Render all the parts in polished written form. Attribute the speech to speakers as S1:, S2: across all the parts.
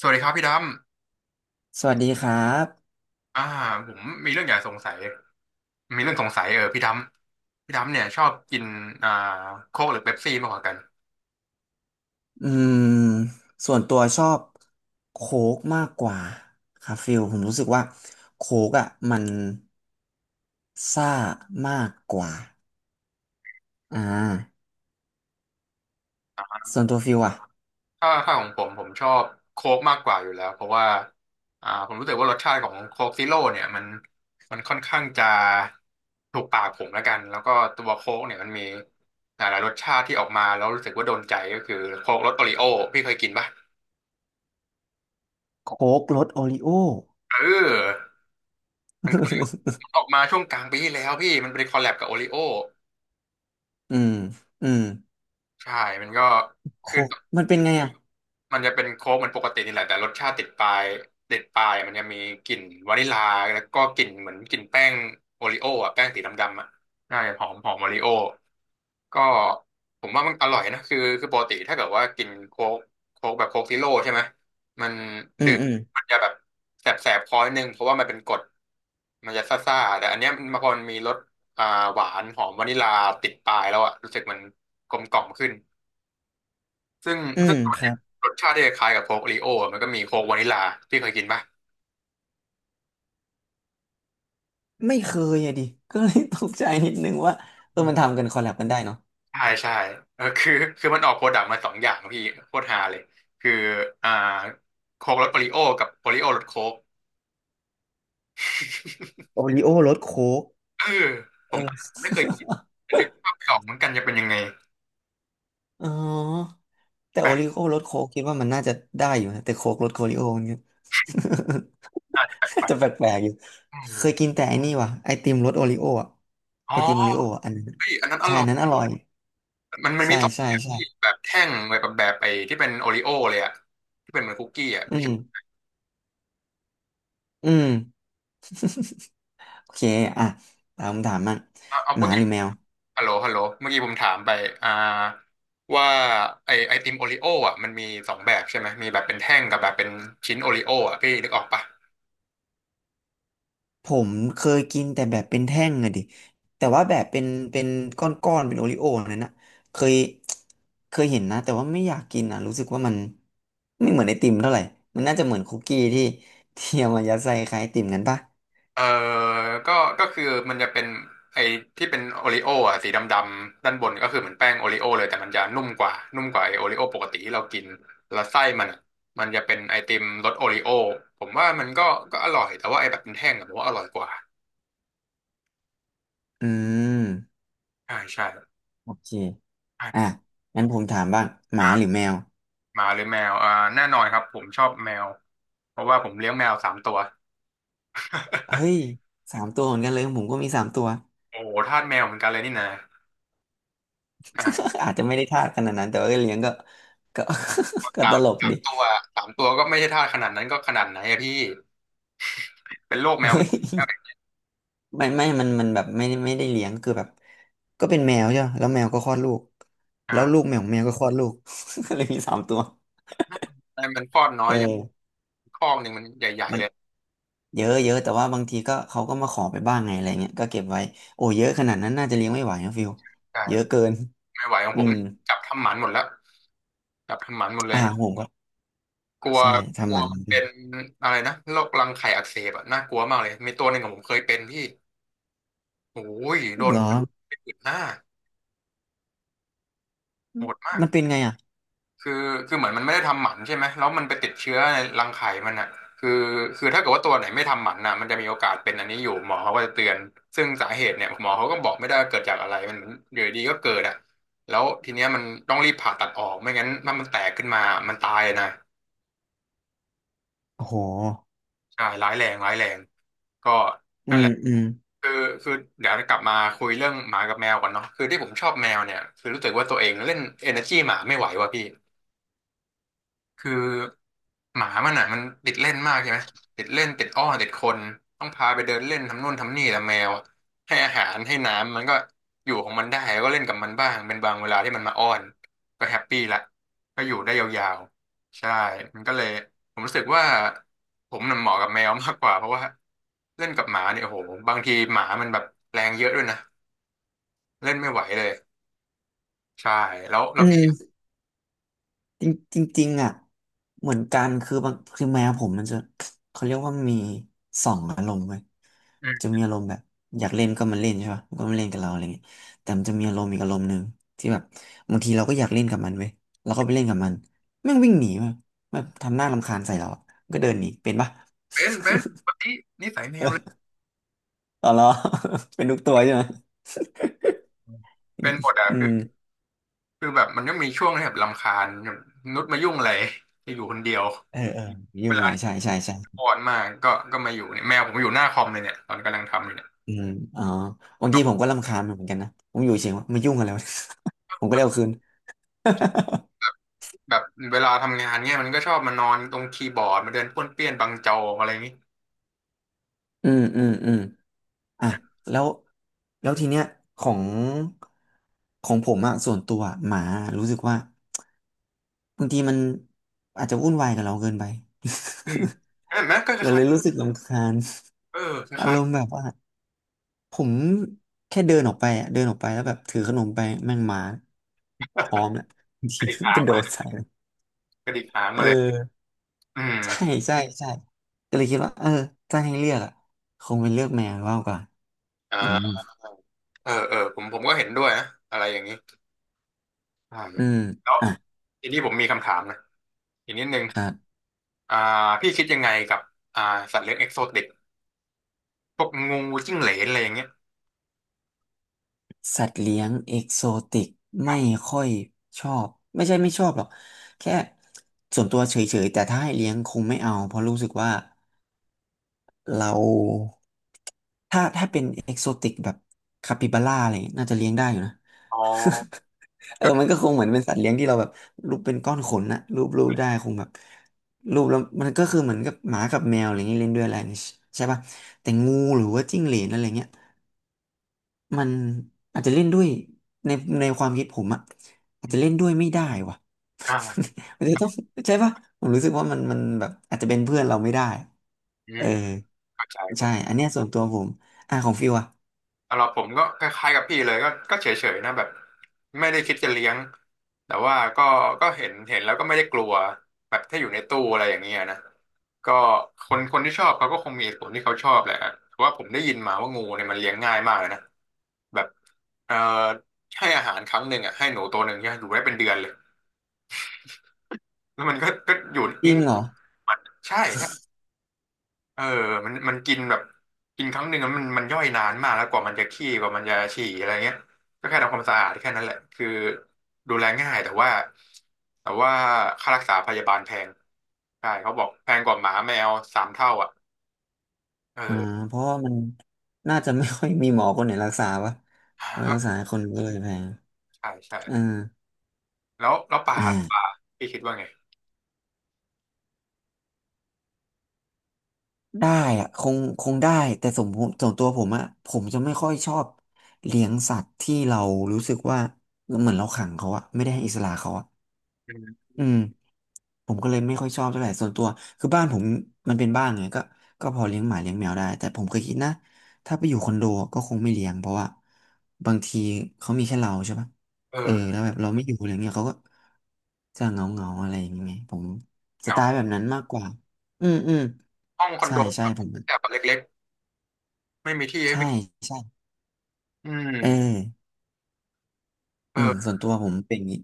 S1: สวัสดีครับพี่ด
S2: สวัสดีครับ
S1: ำผมมีเรื่องอยากสงสัยมีเรื่องสงสัยพี่ดำเนี่ยชอบกินอ่าโค้กหรือเป๊ปซี่มากกว่ากัน
S2: อืม ส่วนตัวชอบโค้กมากกว่าครับฟิลผมรู้สึกว่าโค้กอ่ะมันซ่ามากกว่าอ่าส่วนตัวฟิลอ่ะ
S1: ถ้าของผมชอบโค้กมากกว่าอยู่แล้วเพราะว่าผมรู้สึกว่ารสชาติของโค้กซีโร่เนี่ยมันค่อนข้างจะถูกปากผมแล้วกันแล้วก็ตัวโค้กเนี่ยมันมีหลายๆรสชาติที่ออกมาแล้วรู้สึกว่าโดนใจก็คือโค้กรสโอริโอพี่เคยกินปะ
S2: โค้กรสโอริโอ
S1: เออมันเคย ออกมาช่วงกลางปีที่แล้วพี่มันเป็นคอลแลบกับโอริโอ
S2: อืมอืม
S1: ใช่มันก็คือ
S2: โค้กมันเป็นไงอ่ะ
S1: มันจะเป็นโค้กเหมือนปกตินี่แหละแต่รสชาติติดปลายติดปลายมันจะมีกลิ่นวานิลลาแล้วก็กลิ่นเหมือนกลิ่นแป้งโอริโอ้อะแป้งสีดำๆอ่ะใช่หอมหอมโอริโอก็ผมว่ามันอร่อยนะคือปกติถ้าเกิดว่ากินโค้กแบบโค้กซีโร่ใช่ไหมมัน
S2: อื
S1: ดื่
S2: ม
S1: ม
S2: อืม
S1: มันจะแบบแสบแสบคอนิดนึงเพราะว่ามันเป็นกรดมันจะซ่าๆแต่อันเนี้ยมันพอมันมีรสอ่าหวานหอมวานิลลาติดปลายแล้วอ่ะรู้สึกมันกลมกล่อมขึ้น ซึ่งซึ่งตัว
S2: ครั
S1: เนี้ย
S2: บ
S1: รสชาติที่คล้ายกับโค้กโอรีโออะมันก็มีโค้กวานิลาพี่เคยกินปะ
S2: ไม่เคยอะดิก็เลยตกใจนิดนึงว่าเออ
S1: อื
S2: มั
S1: ม
S2: นทำกันคอลแลบกันได้เนาะ
S1: ใช่ใช่เออคือมันออกโปรดักต์มาสองอย่างพี่โคตรฮาเลยคืออ่าโค้กรสโอริโอกับโอริโอรสโค้ก
S2: โอริโอรสโค้ก
S1: เออผ
S2: เอ
S1: มไม่เคย
S2: อ
S1: กินนึกภาพไม่ออกเหมือนกันจะเป็นยังไง
S2: อ๋อ แต่
S1: แปล
S2: โอ
S1: ก
S2: ริโอ้รสโค้กคิดว่ามันน่าจะได้อยู่นะแต่โค้กรสโอริโอมันก็
S1: น่าจะแปลกไป
S2: จะแปลกๆอยู่
S1: อ
S2: เคย
S1: ม
S2: กินแต่ไอ้นี่ว่ะไอติมรสโอริโออ่ะ
S1: อ๋อ
S2: ไอติมโอริโออะอันนั้น
S1: เฮ้ยอันนั้นอ
S2: ใช่
S1: ร่
S2: อั
S1: อ
S2: น
S1: ย
S2: นั้นอร่อย
S1: มัน
S2: ใช่
S1: มีสอง
S2: ใช่
S1: แบบ
S2: ใช่
S1: พี่แบบแท่งแบบไอ้ที่เป็นโอริโอเลยอะที่เป็นเหมือนคุกกี้อะ
S2: อื
S1: พี่ช
S2: ม
S1: อบ
S2: อืมโอเคอ่ะตามคำถามมั่ง
S1: เอาเอา
S2: ห
S1: ไป
S2: มาหรือแมว
S1: ฮัลโหลเมื่อกี้ผมถามไปอ่าว่าไอติมโอริโออ่ะมันมีสองแบบใช่ไหมมีแบบเป็นแท่งกับแบบเป็นชิ้นโอริโออ่ะพี่นึกออกปะ
S2: ผมเคยกินแต่แบบเป็นแท่งอะดิแต่ว่าแบบเป็นเป็นก้อนๆเป็นโอริโอ้นั่นนะเคยเห็นนะแต่ว่าไม่อยากกินอ่ะรู้สึกว่ามันไม่เหมือนไอติมเท่าไหร่มันน่าจะเหมือนคุกกี้ที่เอามายัดใส่คล้ายไอติมกันปะ
S1: เออก็ก็คือมันจะเป็นไอ้ที่เป็นโอริโออ่ะสีดำๆด้านบนก็คือเหมือนแป้งโอริโอเลยแต่มันจะนุ่มกว่านุ่มกว่าไอ้โอริโอปกติที่เรากินแล้วไส้มันอะมันจะเป็นไอติมรสโอริโอผมว่ามันก็ก็อร่อยแต่ว่าไอ้แบบเป็นแท่งอะผมว่าอร่อยกว่า
S2: อืม
S1: ใช่ใช่
S2: โอเค
S1: ใ
S2: อ่ะงั้นผมถามบ้างหมาห
S1: ช่
S2: รือแมว
S1: หมาหรือแมวแน่นอนครับผมชอบแมว เพราะว่าผมเลี้ยงแมวสามตัว
S2: เฮ้ยสามตัวเหมือนกันเลยของผมก็มีสามตัว
S1: โอ้โหทาสแมวเหมือนกันเลยนี่นะอ่ะ
S2: อาจจะไม่ได้ทาสขนาดนั้นแต่ว่าเลี้ยงก็ก็ ก็
S1: สา
S2: ต
S1: ม
S2: ลก
S1: สาม
S2: ดิ
S1: ตัวสามตัวก็ไม่ใช่ทาสขนาดนั้นก็ขนาดไหนอะพี่เป็นโรคแมว
S2: เฮ้
S1: ง่
S2: ย
S1: วง
S2: ไม่มันแบบไม่ได้เลี้ยงคือแบบก็เป็นแมวใช่ปะแล้วแมวก็คลอดลูกแล้วลู
S1: อ่า
S2: กแมวของแมวก็คลอดลูก ก็เลยมีสามตัว
S1: แต่มันคลอดน้อย
S2: เออ
S1: อย่างคอกหนึ่งมันใหญ่
S2: มั
S1: ๆ
S2: น
S1: เลย
S2: เยอะเยอะแต่ว่าบางทีก็เขาก็มาขอไปบ้างไงอะไรเงี้ยก็เก็บไว้โอ้เยอะขนาดนั้นน่าจะเลี้ยงไม่ไหวนะฟิล
S1: ใช่
S2: เยอะเกิน
S1: ไม่ไหวของ
S2: อื
S1: ผม
S2: ม
S1: นี่จับทำหมันหมดแล้วจับทำหมันหมดเล
S2: อะ
S1: ย
S2: หารผมก็
S1: กลัว
S2: ใช่
S1: ก
S2: ทำ
S1: ลั
S2: ห
S1: ว
S2: มัน
S1: มันเป็นอะไรนะโรครังไข่อักเสบอะน่ากลัวมากเลยมีตัวหนึ่งของผมเคยเป็นพี่โอ้ยโดน
S2: เหรอ
S1: เป็นหน้าโหดมาก
S2: มันเป็นไงอ่ะ
S1: คือคือเหมือนมันไม่ได้ทำหมันใช่ไหมแล้วมันไปติดเชื้อในรังไข่มันอ่ะคือคือถ้าเกิดว่าตัวไหนไม่ทำหมันน่ะมันจะมีโอกาสเป็นอันนี้อยู่หมอเขาก็จะเตือนซึ่งสาเหตุเนี่ยหมอเขาก็บอกไม่ได้ว่าเกิดจากอะไรมันอยู่ดีๆก็เกิดอ่ะแล้วทีเนี้ยมันต้องรีบผ่าตัดออกไม่งั้นถ้ามันแตกขึ้นมามันตายนะ
S2: โอ้โห
S1: ใช่ร้ายแรงร้ายแรงก็
S2: อื
S1: นั่นแห
S2: ม
S1: ละ
S2: อืม
S1: คือคือเดี๋ยวกลับมาคุยเรื่องหมากับแมวก่อนเนาะคือที่ผมชอบแมวเนี่ยคือรู้สึกว่าตัวเองเล่น energy หมาไม่ไหวว่ะพี่ คือหมามันอ่ะมันติดเล่นมากใช่ไหมติดเล่นติดอ้อนติดคนต้องพาไปเดินเล่นทำนู่นทำนี่แต่แมวอะให้อาหารให้น้ำมันก็อยู่ของมันได้ก็เล่นกับมันบ้างเป็นบางเวลาที่มันมาอ้อนก็แฮปปี้ละก็อยู่ได้ยาวๆใช่มันก็เลยผมรู้สึกว่าผมน่ะเหมาะกับแมวมากกว่าเพราะว่าเล่นกับหมาเนี่ยโอ้โหบางทีหมามันแบบแรงเยอะด้วยนะเล่นไม่ไหวเลยใช่แล้วแล้
S2: อื
S1: วพี่
S2: ม จริงจริงจริงอ่ะเหมือนกันคือบางคือแมวผมมันจะเขาเรียกว่ามีสองอารมณ์เว้ย
S1: อื
S2: จะ
S1: ม
S2: มีอารมณ์แบบอยากเล่นก็มาเล่นใช่ป่ะก็มาเล่นกับเราอะไรเงี้ยแต่มันจะมีอารมณ์อีกอารมณ์หนึ่งที่แบบบางทีเราก็อยากเล่นกับมันเว้ยเราก็ไปเล่นกับมันแม่งวิ่งหนีมาแบบทำหน้ารำคาญใส่เราอะก็เดินหนีเป็นปะ
S1: เป็นวันนี้นิสัยแมวเลย
S2: อ๋อเหรอ เป็นทุกตัวใช่ไหม
S1: เป็นหมดอ่ะ
S2: อื
S1: คือ
S2: ม
S1: คือแบบมันก็มีช่วงที่แบบรำคาญแบบนุชมายุ่งอะไรจะอยู่คนเดียว
S2: เออเออยุ่
S1: เว
S2: งอะ
S1: ลา
S2: ไร
S1: ที่
S2: ใช่ใช่ใช่
S1: อ่อนมากก็มาอยู่เนี่ยแมวผมอยู่หน้าคอมเลยเนี่ยตอนกำลังทำอยู่เนี่ย
S2: อืมอ๋อบาง
S1: น
S2: ที
S1: อน
S2: ผมก็รำคาญมันเหมือนกันนะผมอยู่เฉยๆว่ามายุ่งอะไรวะ ผมก็
S1: แบบ
S2: เร็วคืน
S1: แบบเวลาทำงานเนี่ยมันก็ชอบมานอนตรงคีย์บอร์ดมาเดินป้วนเปี้ยนบังจออะไรอย่างงี้
S2: อืมอืมอืมอ่ะ
S1: นะ
S2: แล้วแล้วทีเนี้ยของของผมอะส่วนตัวอะหมารู้สึกว่าบางทีมันอาจจะวุ่นวายกับเราเกินไป
S1: อืมเห็นไหมก็ค
S2: เรา
S1: ล้า
S2: เล
S1: ย
S2: ยรู้สึกรำคาญ
S1: ๆเออค
S2: อา
S1: ล้า
S2: ร
S1: ย
S2: มณ์แบบว่าผมแค่เดินออกไปอะเดินออกไปแล้วแบบถือขนมไปแม่งหมาพร้อมแล้วบาง
S1: ๆก
S2: ที
S1: ระดิก
S2: มัน
S1: หา
S2: ก
S1: ง
S2: ระโด
S1: มา
S2: ด
S1: เลย
S2: ใส่เลย
S1: กระดิกหาง
S2: เอ
S1: มา
S2: อ
S1: เลยอืม
S2: ใช่ใช่ใช่ก็เลยคิดว่าเออถ้าให้เลือกอะคงเป็นเลือกแมวมากกว่าอืม
S1: อ่าเออเออผมก็เห็นด้วยนะอะไรอย่างนี้ใช่แ
S2: อืม
S1: ล้ว
S2: อ่ะ
S1: ทีนี้ผมมีคำถามนะอีกนิดนึง
S2: ครับ
S1: อ่าพี่คิดยังไงกับอ่าสัตว์เลี้ยงเอ็กโซติก พวกงูจิ้งเหลนอะไรอย่างเงี้ย
S2: สัตว์เลี้ยงเอกโซติกไม่ค่อยชอบไม่ใช่ไม่ชอบหรอกแค่ส่วนตัวเฉยๆแต่ถ้าให้เลี้ยงคงไม่เอาเพราะรู้สึกว่าเราถ้าเป็นเอกโซติกแบบคาปิบาร่าอะไรอย่างเงี้ยน่าจะเลี้ยงได้อยู่นะ
S1: อ๋อ
S2: เออ
S1: ก็คือ
S2: มันก็คงเหมือนเป็นสัตว์เลี้ยงที่เราแบบรูปเป็นก้อนขนนะรูปได้คงแบบรูปแล้วมันก็คือเหมือนกับหมากับแมวอะไรอย่างเงี้ยเล่นด้วยอะไรนี่ใช่ป่ะแต่งูหรือว่าจิ้งเหลนอะไรเงี้ย มันอาจจะเล่นด้วยในความคิดผมอะอาจจะเล่นด้วยไม่ได้ว่ะ
S1: อ่า
S2: มันจะต้องใช่ปะผมรู้สึกว่ามันแบบอาจจะเป็นเพื่อนเราไม่ได้
S1: อื
S2: เอ
S1: ม
S2: อ
S1: เข้าใจ
S2: ใช่
S1: เข้า
S2: อันเนี้ยส่วนตัวผมอ่ะของฟิวอะ
S1: สำหรับผมก็คล้ายๆกับพี่เลยก็เฉยๆนะแบบไม่ได้คิดจะเลี้ยงแต่ว่าก็เห็นแล้วก็ไม่ได้กลัวแบบถ้าอยู่ในตู้อะไรอย่างเงี้ยนะก็คนคนที่ชอบเขาก็คงมีเหตุผลที่เขาชอบแหละเพราะว่าผมได้ยินมาว่างูเนี่ยมันเลี้ยงง่ายมากเลยนะแบบเอ่อให้อาหารครั้งหนึ่งอ่ะให้หนูตัวหนึ่งใช่ไหมอยู่ได้เป็นเดือนเลยแล้วมันก็อยู่
S2: จ
S1: นิ่
S2: ริ
S1: ง
S2: งเหรอ
S1: ๆมันใช่ เออมันกินแบบกินครั้งหนึ่งอะมันย่อยนานมากแล้วกว่ามันจะขี้กว่ามันจะฉี่อะไรเงี้ย ก็แค่ทำความสะอาดแค่นั้นแหละคือดูแลง่ายแต่ว่าค่ารักษาพยาบาลแพงใช่เขาบอกแพงกว่าหมาแมว3 เท่าอ่ะเอ
S2: อ่า
S1: อ
S2: เพราะว่ามันน่าจะไม่ค่อยมีหมอคนไหนรักษาวะ
S1: ก
S2: เพราะ
S1: ็
S2: รักษาคนก็เลยแพง
S1: ใช่ใช่
S2: อ่า
S1: แล้วป่า
S2: อ
S1: ล่ะป่า
S2: ่า
S1: พี่คิดว่าไง
S2: ได้อะคงได้แต่สมผมส่วนตัวผมอะผมจะไม่ค่อยชอบเลี้ยงสัตว์ที่เรารู้สึกว่าเหมือนเราขังเขาอะไม่ได้ให้อิสระเขาอะ
S1: อืม
S2: อืมผมก็เลยไม่ค่อยชอบเท่าไหร่ส่วนตัวคือบ้านผมมันเป็นบ้านไงก็พอเลี้ยงหมาเลี้ยงแมวได้แต่ผมเคยคิดนะถ้าไปอยู่คอนโดก็คงไม่เลี้ยงเพราะว่าบางทีเขามีแค่เราใช่ปะ
S1: เอ
S2: เออ
S1: อ
S2: แล้วแบบเราไม่อยู่อะไรเงี้ยเขาก็จะเหงาเงาอะไรอย่างเงี้ยผม
S1: เห
S2: ส
S1: งา
S2: ไตล์แบบนั้นมากกว่าอืมอืม
S1: ห้องคอน
S2: ใช่
S1: โด
S2: ใช่
S1: แบบ
S2: ผม
S1: แต่เล็กๆไม่มีที่ให้
S2: ใช่
S1: วิ่ง
S2: ใช่
S1: อื
S2: เอ
S1: ม
S2: อ
S1: เอ
S2: อืม
S1: อ
S2: ส่วนตัวผมเป็นอย่างนี้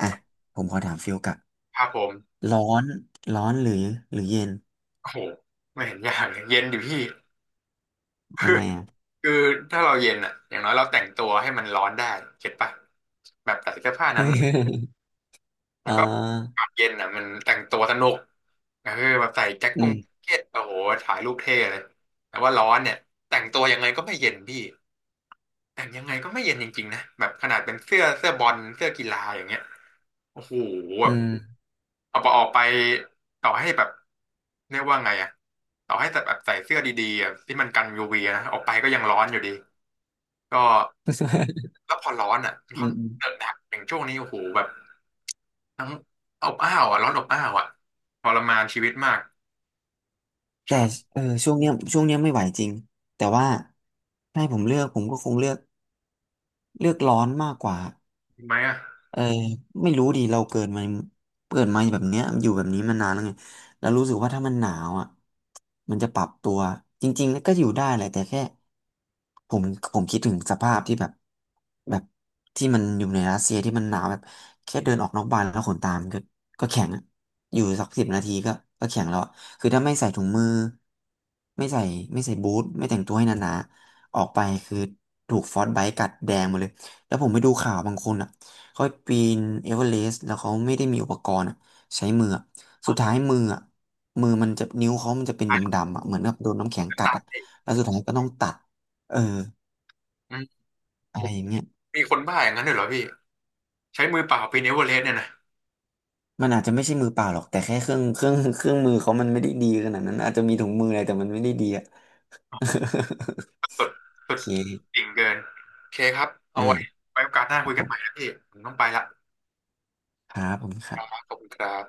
S2: อ่ะผมขอถามฟิลกลับ
S1: ครับผม
S2: ร้อนหรือเย็น
S1: โอ้โหไม่เห็นยากเลยเย็นด่พี่
S2: ทำไมอ่ะ
S1: คือถ้าเราเย็นอ่ะอย่างน้อยเราแต่งตัวให้มันร้อนได้เก็ตปะแบบใส่เสื้อผ้า
S2: เฮ้
S1: นั้น
S2: ย
S1: ๆ
S2: เอ
S1: แล้
S2: อ
S1: วก็อากาศเย็นอ่ะมันแต่งตัวสนุกเออแบบใส่แจ็ค
S2: อื
S1: กง
S2: ม
S1: แจ็คเก็ตโอ้โหถ่ายรูปเท่เลยแต่ว่าร้อนเนี่ยแต่งตัวยังไงก็ไม่เย็นพี่แต่งยังไงก็ไม่เย็นจริงๆนะแบบขนาดเป็นเสื้อบอลเสื้อกีฬาอย่างเงี้ยโอ้โหแบ
S2: อื
S1: บ
S2: ม
S1: เอาไปออกไปต่อให้แบบเรียกว่าไงอ่ะต่อให้แบบใส่เสื้อดีๆอะที่มันกันยูวีนะออกไปก็ยังร้อนอยู่ดี ก็ แล้วพอร้อนอ่ะ
S2: อื
S1: ร้อน
S2: มอืม
S1: เดือดหนักอย่างช่วงนี้โอ้โหแบบทั้งอบอ้าวอ่ะร้อนอบอ้าวอ่ะทรมานชีวิตมาก
S2: แต่
S1: ใช่
S2: เออช่วงเนี้ยไม่ไหวจริงแต่ว่าถ้าให้ผมเลือกผมก็คงเลือกเลือกร้อนมากกว่า
S1: ไหมอ่ะ
S2: เออไม่รู้ดิเราเกิดมาแบบเนี้ยอยู่แบบนี้มานานแล้วไงแล้วรู้สึกว่าถ้ามันหนาวอ่ะมันจะปรับตัวจริงๆก็อยู่ได้แหละแต่แค่ผมคิดถึงสภาพที่แบบแบบที่มันอยู่ในรัสเซียที่มันหนาวแบบแค่เดินออกนอกบ้านแล้วขนตามนก็แข็งอะอยู่สัก10 นาทีก็แข็งแล้วอะคือถ้าไม่ใส่ถุงมือไม่ใส่บูทไม่แต่งตัวให้หนาๆออกไปคือถูกฟรอสต์ไบต์กัดแดงหมดเลยแล้วผมไปดูข่าวบางคนอ่ะ เขาปีนเอเวอเรสต์แล้วเขาไม่ได้มีอุปกรณ์อะใช้มืออะ
S1: อ๋
S2: สุดท้า
S1: อ
S2: ยมืออะมือมันจะนิ้วเขามันจะเป็นดำๆอะเหมือนกับโดนน้ำแข็งกัดอะแล้วสุดท้ายก็ต้องตัดเออ
S1: อืม
S2: อะไรอย่างเงี้ย
S1: มีคนบ้าอย่างนั้นด้วยเหรอพี่ใช้มือเปล่าปีนเอเวอเรสต์เนี่ยนะ
S2: มันอาจจะไม่ใช่มือเปล่าหรอกแต่แค่เครื่อง เครื่องมือเขามันไม่ได้ดีขนาดนั้นอาจจะมีถุงมืออะไรแต่มันไม่ได้ดีอะ
S1: สุด
S2: โอ
S1: สุด
S2: เค
S1: จริ่งเกินโอเคครับเอา
S2: อ่า
S1: ไว้ไว้โอกาสหน้า
S2: ครั
S1: คุ
S2: บ
S1: ย
S2: ผ
S1: กัน
S2: ม
S1: ใหม่นะพี่ผมต้องไปละ
S2: ค
S1: ค
S2: รั
S1: รับ
S2: บ
S1: ขอบคุณครับ